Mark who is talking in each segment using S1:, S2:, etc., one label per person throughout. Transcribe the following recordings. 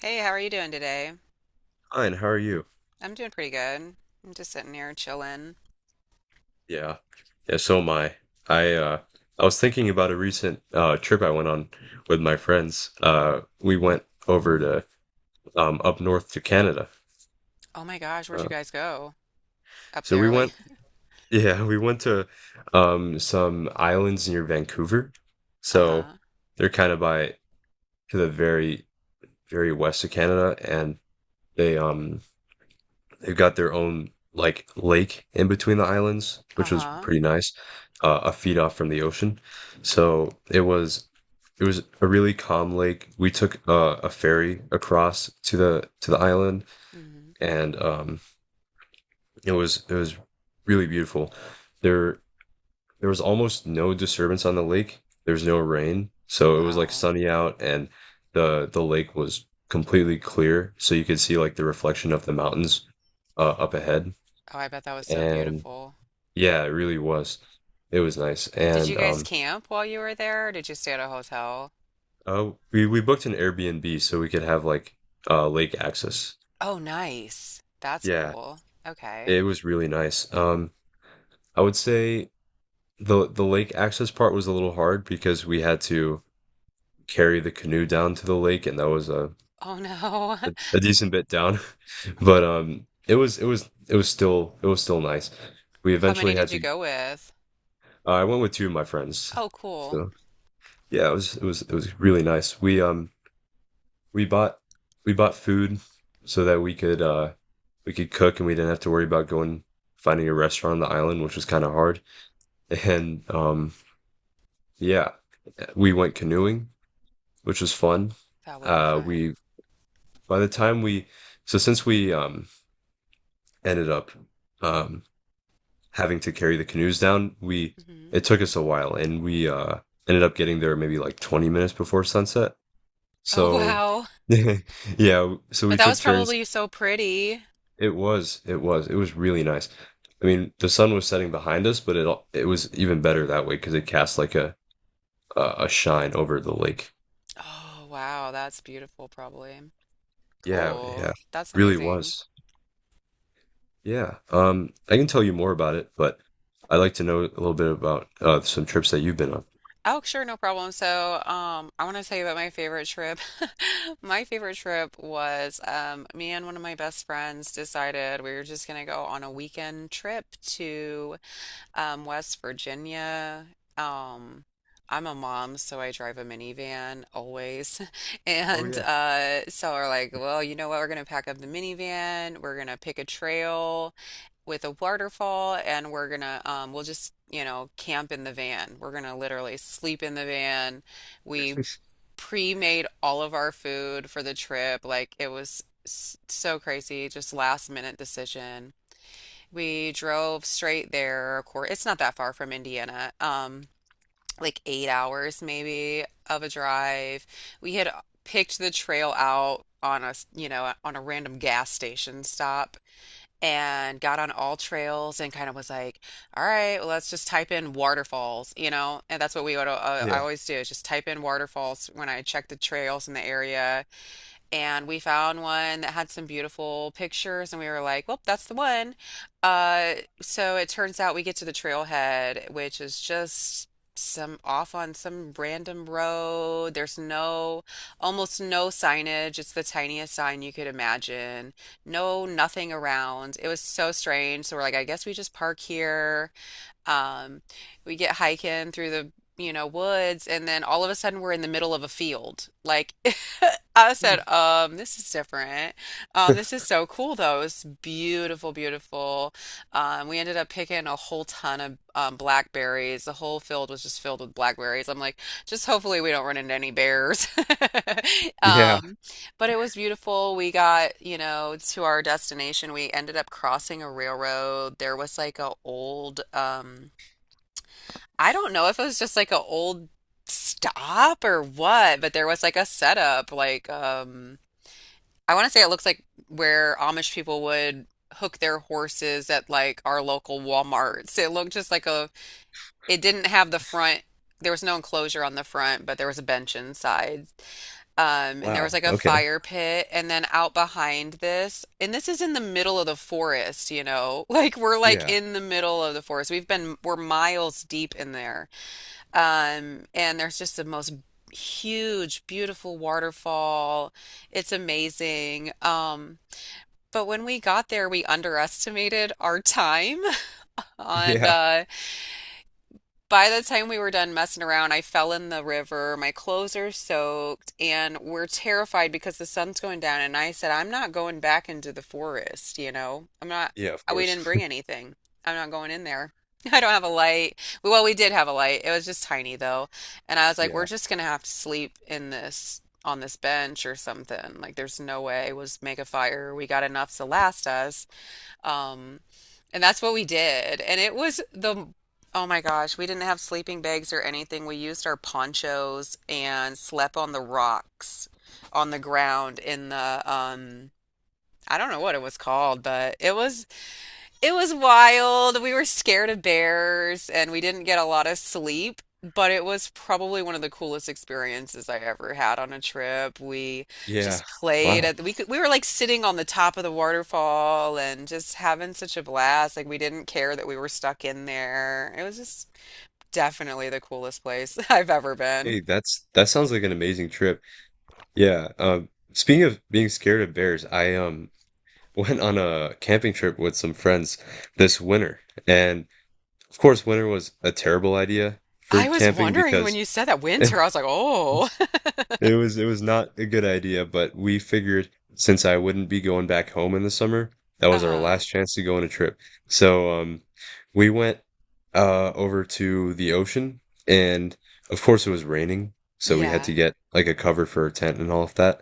S1: Hey, how are you doing today?
S2: Fine, how are you?
S1: I'm doing pretty good. I'm just sitting here chilling.
S2: Yeah. Yeah, so am I. I I was thinking about a recent trip I went on with my friends. We went over to up north to Canada.
S1: Oh my gosh, where'd you
S2: Uh
S1: guys go? Up
S2: so we
S1: there, like,
S2: went yeah, we went to some islands near Vancouver. So
S1: uh-huh,
S2: they're kind of by to the very west of Canada, and they um they've got their own like lake in between the islands, which was
S1: uh-huh.
S2: pretty nice, a feet off from the ocean. So it was a really calm lake. We took a ferry across to the island,
S1: hmm.
S2: and it was really beautiful. There there was almost no disturbance on the lake. There was no rain, so it was like
S1: Wow.
S2: sunny out, and the lake was completely clear, so you could see like the reflection of the mountains up ahead.
S1: Oh, I bet that was so
S2: And
S1: beautiful.
S2: Yeah, it really was. It was nice.
S1: Did you
S2: And
S1: guys camp while you were there, or did you stay at a hotel?
S2: we booked an Airbnb so we could have like lake access.
S1: Oh, nice. That's
S2: Yeah,
S1: cool. Okay.
S2: it was really nice. I would say the lake access part was a little hard because we had to carry the canoe down to the lake, and that was a
S1: Oh no.
S2: a, a decent bit down. But it was it was it was still nice. We
S1: How many
S2: eventually
S1: did
S2: had
S1: you
S2: to
S1: go with?
S2: I went with two of my friends.
S1: Oh, cool.
S2: So yeah, it was really nice. We bought we bought food so that we could cook, and we didn't have to worry about going finding a restaurant on the island, which was kind of hard. And yeah, we went canoeing, which was fun.
S1: That would be fun.
S2: We by the time we so since we ended up um Having to carry the canoes down, we,
S1: hmm.
S2: it took us a while, and we ended up getting there maybe like 20 minutes before sunset.
S1: Oh,
S2: So
S1: wow.
S2: yeah, so
S1: But
S2: we
S1: that
S2: took
S1: was
S2: turns.
S1: probably so pretty.
S2: It was, it was, it was really nice. I mean, the sun was setting behind us, but it was even better that way because it cast like a a shine over the lake.
S1: Oh, wow. That's beautiful, probably.
S2: Yeah,
S1: Cool.
S2: yeah,
S1: That's
S2: really
S1: amazing.
S2: was. Yeah. I can tell you more about it, but I'd like to know a little bit about some trips that you've been on.
S1: Oh, sure, no problem. So, I want to tell you about my favorite trip. My favorite trip was me and one of my best friends decided we were just going to go on a weekend trip to West Virginia. Um, I'm a mom, so I drive a minivan always.
S2: Oh
S1: And
S2: yeah,
S1: so we're like, well, you know what? We're going to pack up the minivan. We're going to pick a trail with a waterfall, and we're gonna we'll just, you know, camp in the van. We're gonna literally sleep in the van. We pre-made all of our food for the trip. Like it was so crazy, just last minute decision. We drove straight there. Of course, it's not that far from Indiana. Like 8 hours maybe of a drive. We had picked the trail out on you know, on a random gas station stop, and got on all trails and kind of was like, all right, well, let's just type in waterfalls, you know? And that's what we would, I
S2: yeah.
S1: always do is just type in waterfalls when I check the trails in the area, and we found one that had some beautiful pictures and we were like, well, that's the one. Uh, so it turns out we get to the trailhead, which is just some off on some random road. There's no, Almost no signage. It's the tiniest sign you could imagine. No, Nothing around. It was so strange. So we're like, I guess we just park here. Um, we get hiking through the, you know, woods, and then all of a sudden we're in the middle of a field. Like, I
S2: Hmm.
S1: said, this is different. This is so cool though. It's beautiful. We ended up picking a whole ton of blackberries. The whole field was just filled with blackberries. I'm like, just hopefully we don't run into any bears.
S2: Yeah.
S1: Um, but it was beautiful. We got, you know, to our destination. We ended up crossing a railroad. There was like a old I don't know if it was just like an old stop or what, but there was like a setup. Like, I want to say it looks like where Amish people would hook their horses at like our local Walmarts. It looked just like it didn't have the there was no enclosure on the front, but there was a bench inside. And there was
S2: Wow.
S1: like a
S2: Okay.
S1: fire pit. And then out behind this, and this is in the middle of the forest, you know, like we're like
S2: Yeah.
S1: in the middle of the forest. We're miles deep in there. And there's just the most huge, beautiful waterfall. It's amazing. But when we got there, we underestimated our time on
S2: Yeah.
S1: by the time we were done messing around, I fell in the river. My clothes are soaked, and we're terrified because the sun's going down. And I said, I'm not going back into the forest, you know? I'm not,
S2: Yeah. Of
S1: I- We
S2: course.
S1: didn't bring anything. I'm not going in there. I don't have a light. Well, we did have a light. It was just tiny, though. And I was like, we're
S2: Yeah.
S1: just gonna have to sleep in on this bench or something. Like, there's no way. We'll just make a fire. We got enough to last us. Um, and that's what we did. And it was oh my gosh, we didn't have sleeping bags or anything. We used our ponchos and slept on the rocks on the ground in the, I don't know what it was called, but it was wild. We were scared of bears and we didn't get a lot of sleep, but it was probably one of the coolest experiences I ever had on a trip. We
S2: Yeah.
S1: just played
S2: Wow.
S1: at we could, we were like sitting on the top of the waterfall and just having such a blast. Like we didn't care that we were stuck in there. It was just definitely the coolest place I've ever been.
S2: Hey, that sounds like an amazing trip. Yeah. Speaking of being scared of bears, I went on a camping trip with some friends this winter. And of course, winter was a terrible idea for
S1: I was
S2: camping
S1: wondering when
S2: because
S1: you said that
S2: it
S1: winter, I was like, "Oh."
S2: it was not a good idea, but we figured since I wouldn't be going back home in the summer, that was our
S1: Uh-huh.
S2: last chance to go on a trip. So we went over to the ocean, and of course it was raining, so we had
S1: Yeah.
S2: to get like a cover for a tent and all of that.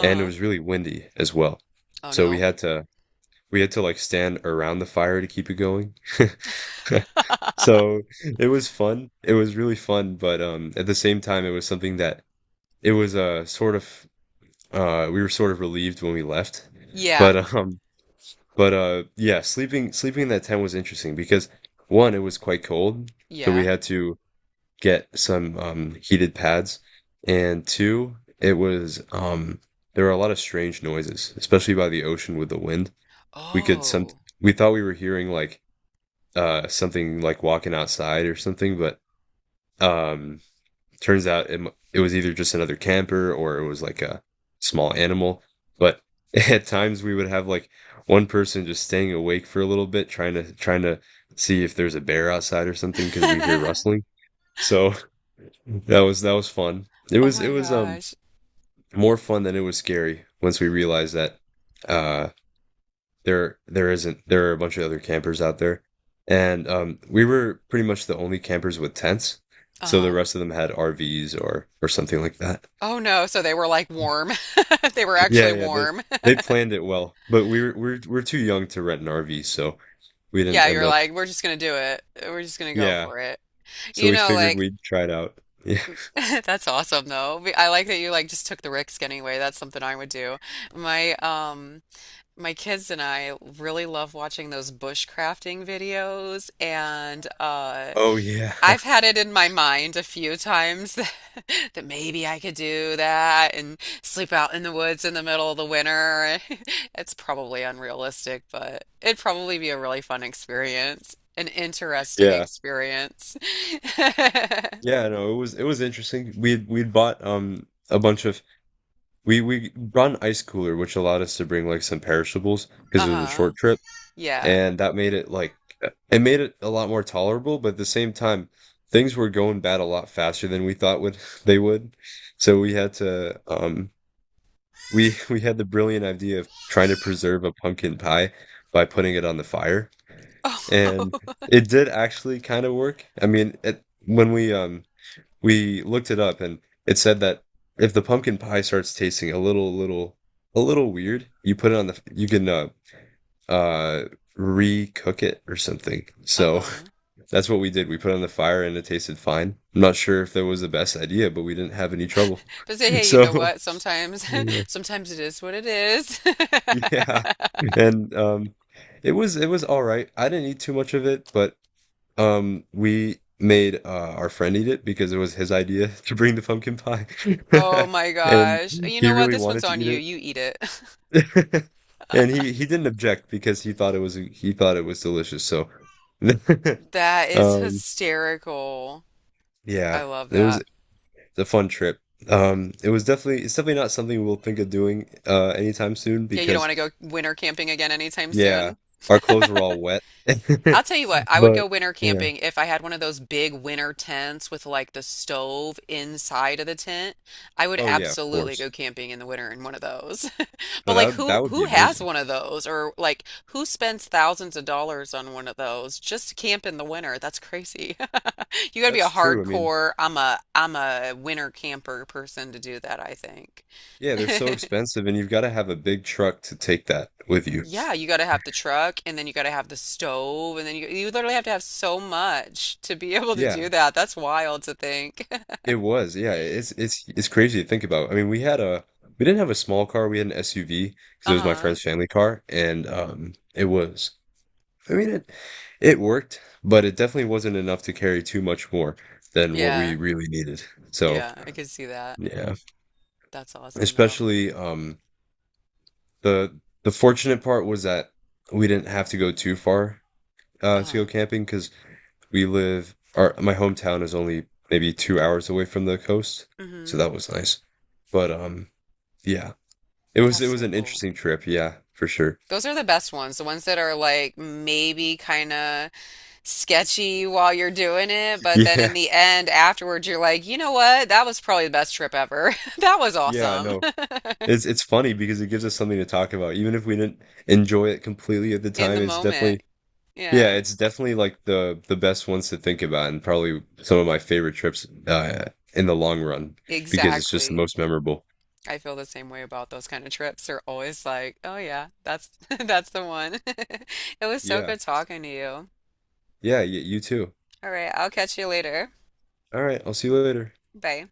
S2: And it was really windy as well.
S1: Oh
S2: So
S1: no.
S2: we had to like stand around the fire to keep it going. So it was fun. It was really fun, but at the same time it was something that it was sort of we were sort of relieved when we left.
S1: Yeah.
S2: But but yeah, sleeping in that tent was interesting because one, it was quite cold, so we
S1: Yeah.
S2: had to get some heated pads. And two, it was there were a lot of strange noises, especially by the ocean with the wind. We could some
S1: Oh.
S2: We thought we were hearing like something like walking outside or something, but um, turns out it was either just another camper or it was like a small animal. But at times we would have like one person just staying awake for a little bit, trying to see if there's a bear outside or something because we hear rustling. So that was fun. It
S1: Oh
S2: was it
S1: my
S2: was um
S1: gosh.
S2: more fun than it was scary once we realized that uh there there isn't there are a bunch of other campers out there, and we were pretty much the only campers with tents, so the
S1: Uh-huh.
S2: rest of them had RVs or something like that.
S1: Oh no, so they were like warm. They were actually
S2: Yeah, yeah,
S1: warm.
S2: they planned it well, but we were we're too young to rent an RV, so we didn't
S1: Yeah,
S2: end
S1: you're
S2: up.
S1: like, we're just gonna do it. We're just gonna go
S2: Yeah,
S1: for it.
S2: so
S1: You
S2: we
S1: know,
S2: figured
S1: like,
S2: we'd try it out. Yeah.
S1: that's awesome though. I like that you like just took the risk anyway. That's something I would do. My my kids and I really love watching those bushcrafting videos, and
S2: Oh yeah.
S1: I've had it in my mind a few times that maybe I could do that and sleep out in the woods in the middle of the winter. It's probably unrealistic, but it'd probably be a really fun experience, an interesting
S2: Yeah,
S1: experience.
S2: yeah, no, it was it was interesting. We'd bought a bunch of we brought an ice cooler, which allowed us to bring like some perishables because it was a
S1: Uh-huh.
S2: short trip,
S1: Yeah.
S2: and that made it like, it made it a lot more tolerable, but at the same time, things were going bad a lot faster than we thought would they would. So we had to we we had the brilliant idea of trying to preserve a pumpkin pie by putting it on the fire. And
S1: Oh,
S2: it did actually kind of work. I mean, it, when we looked it up, and it said that if the pumpkin pie starts tasting a little weird, you put it on the, you can uh recook it or something. So
S1: uh-huh.
S2: that's what we did. We put it on the fire, and it tasted fine. I'm not sure if that was the best idea, but we didn't have any trouble.
S1: But say, hey, you
S2: So
S1: know what? Sometimes,
S2: yeah,
S1: sometimes it is what it is.
S2: yeah. And it was all right. I didn't eat too much of it, but we made our friend eat it because it was his idea to bring the pumpkin pie.
S1: Oh my
S2: And
S1: gosh. You
S2: he
S1: know what?
S2: really
S1: This one's
S2: wanted to
S1: on you.
S2: eat
S1: You eat it.
S2: it. And he didn't object because he thought it was delicious. So
S1: That is
S2: um,
S1: hysterical. I
S2: yeah,
S1: love
S2: it was
S1: that.
S2: a fun trip. It's definitely not something we'll think of doing anytime soon
S1: Yeah, you don't
S2: because
S1: want to go winter camping again anytime
S2: yeah,
S1: soon.
S2: our clothes were all wet.
S1: I'll tell you what, I would go
S2: But
S1: winter
S2: yeah.
S1: camping if I had one of those big winter tents with like the stove inside of the tent. I would
S2: Oh yeah, of
S1: absolutely
S2: course.
S1: go camping in the winter in one of those.
S2: No,
S1: But like who
S2: that would be
S1: who has
S2: amazing.
S1: one of those, or like who spends thousands of dollars on one of those just to camp in the winter? That's crazy. You got to be a
S2: That's true. I mean,
S1: hardcore, I'm a winter camper person to do that, I think.
S2: yeah, they're so expensive, and you've got to have a big truck to take that with you.
S1: Yeah, you got to have the truck and then you got to have the stove and then you literally have to have so much to be able to
S2: Yeah,
S1: do that. That's wild to think.
S2: it was. Yeah, it's crazy to think about. I mean, we didn't have a small car, we had an SUV because it was my
S1: Uh-huh.
S2: friend's family car, and it was, I mean, it worked, but it definitely wasn't enough to carry too much more than what we
S1: Yeah.
S2: really needed. So,
S1: Yeah, I could see that.
S2: yeah,
S1: That's awesome though.
S2: especially the the fortunate part was that we didn't have to go too far to
S1: Uh-huh.
S2: go camping because we live our my hometown is only maybe 2 hours away from the coast, so
S1: hmm.
S2: that was nice. But yeah,
S1: That's
S2: it was
S1: so
S2: an
S1: cool.
S2: interesting trip, yeah, for sure.
S1: Those are the best ones, the ones that are like maybe kind of sketchy while you're doing it, but then
S2: Yeah,
S1: in the end afterwards you're like, "You know what? That was probably the best trip ever. That was
S2: yeah, I
S1: awesome."
S2: know. It's funny because it gives us something to talk about. Even if we didn't enjoy it completely at the
S1: In the
S2: time, it's definitely,
S1: moment. Yeah.
S2: yeah, it's definitely like the best ones to think about, and probably some of my favorite trips in the long run because it's just the
S1: Exactly.
S2: most memorable.
S1: I feel the same way about those kind of trips. They're always like, oh yeah, that's that's the one. It was so
S2: Yeah.
S1: good talking to you.
S2: Yeah, y you too.
S1: All right, I'll catch you later.
S2: All right, I'll see you later.
S1: Bye.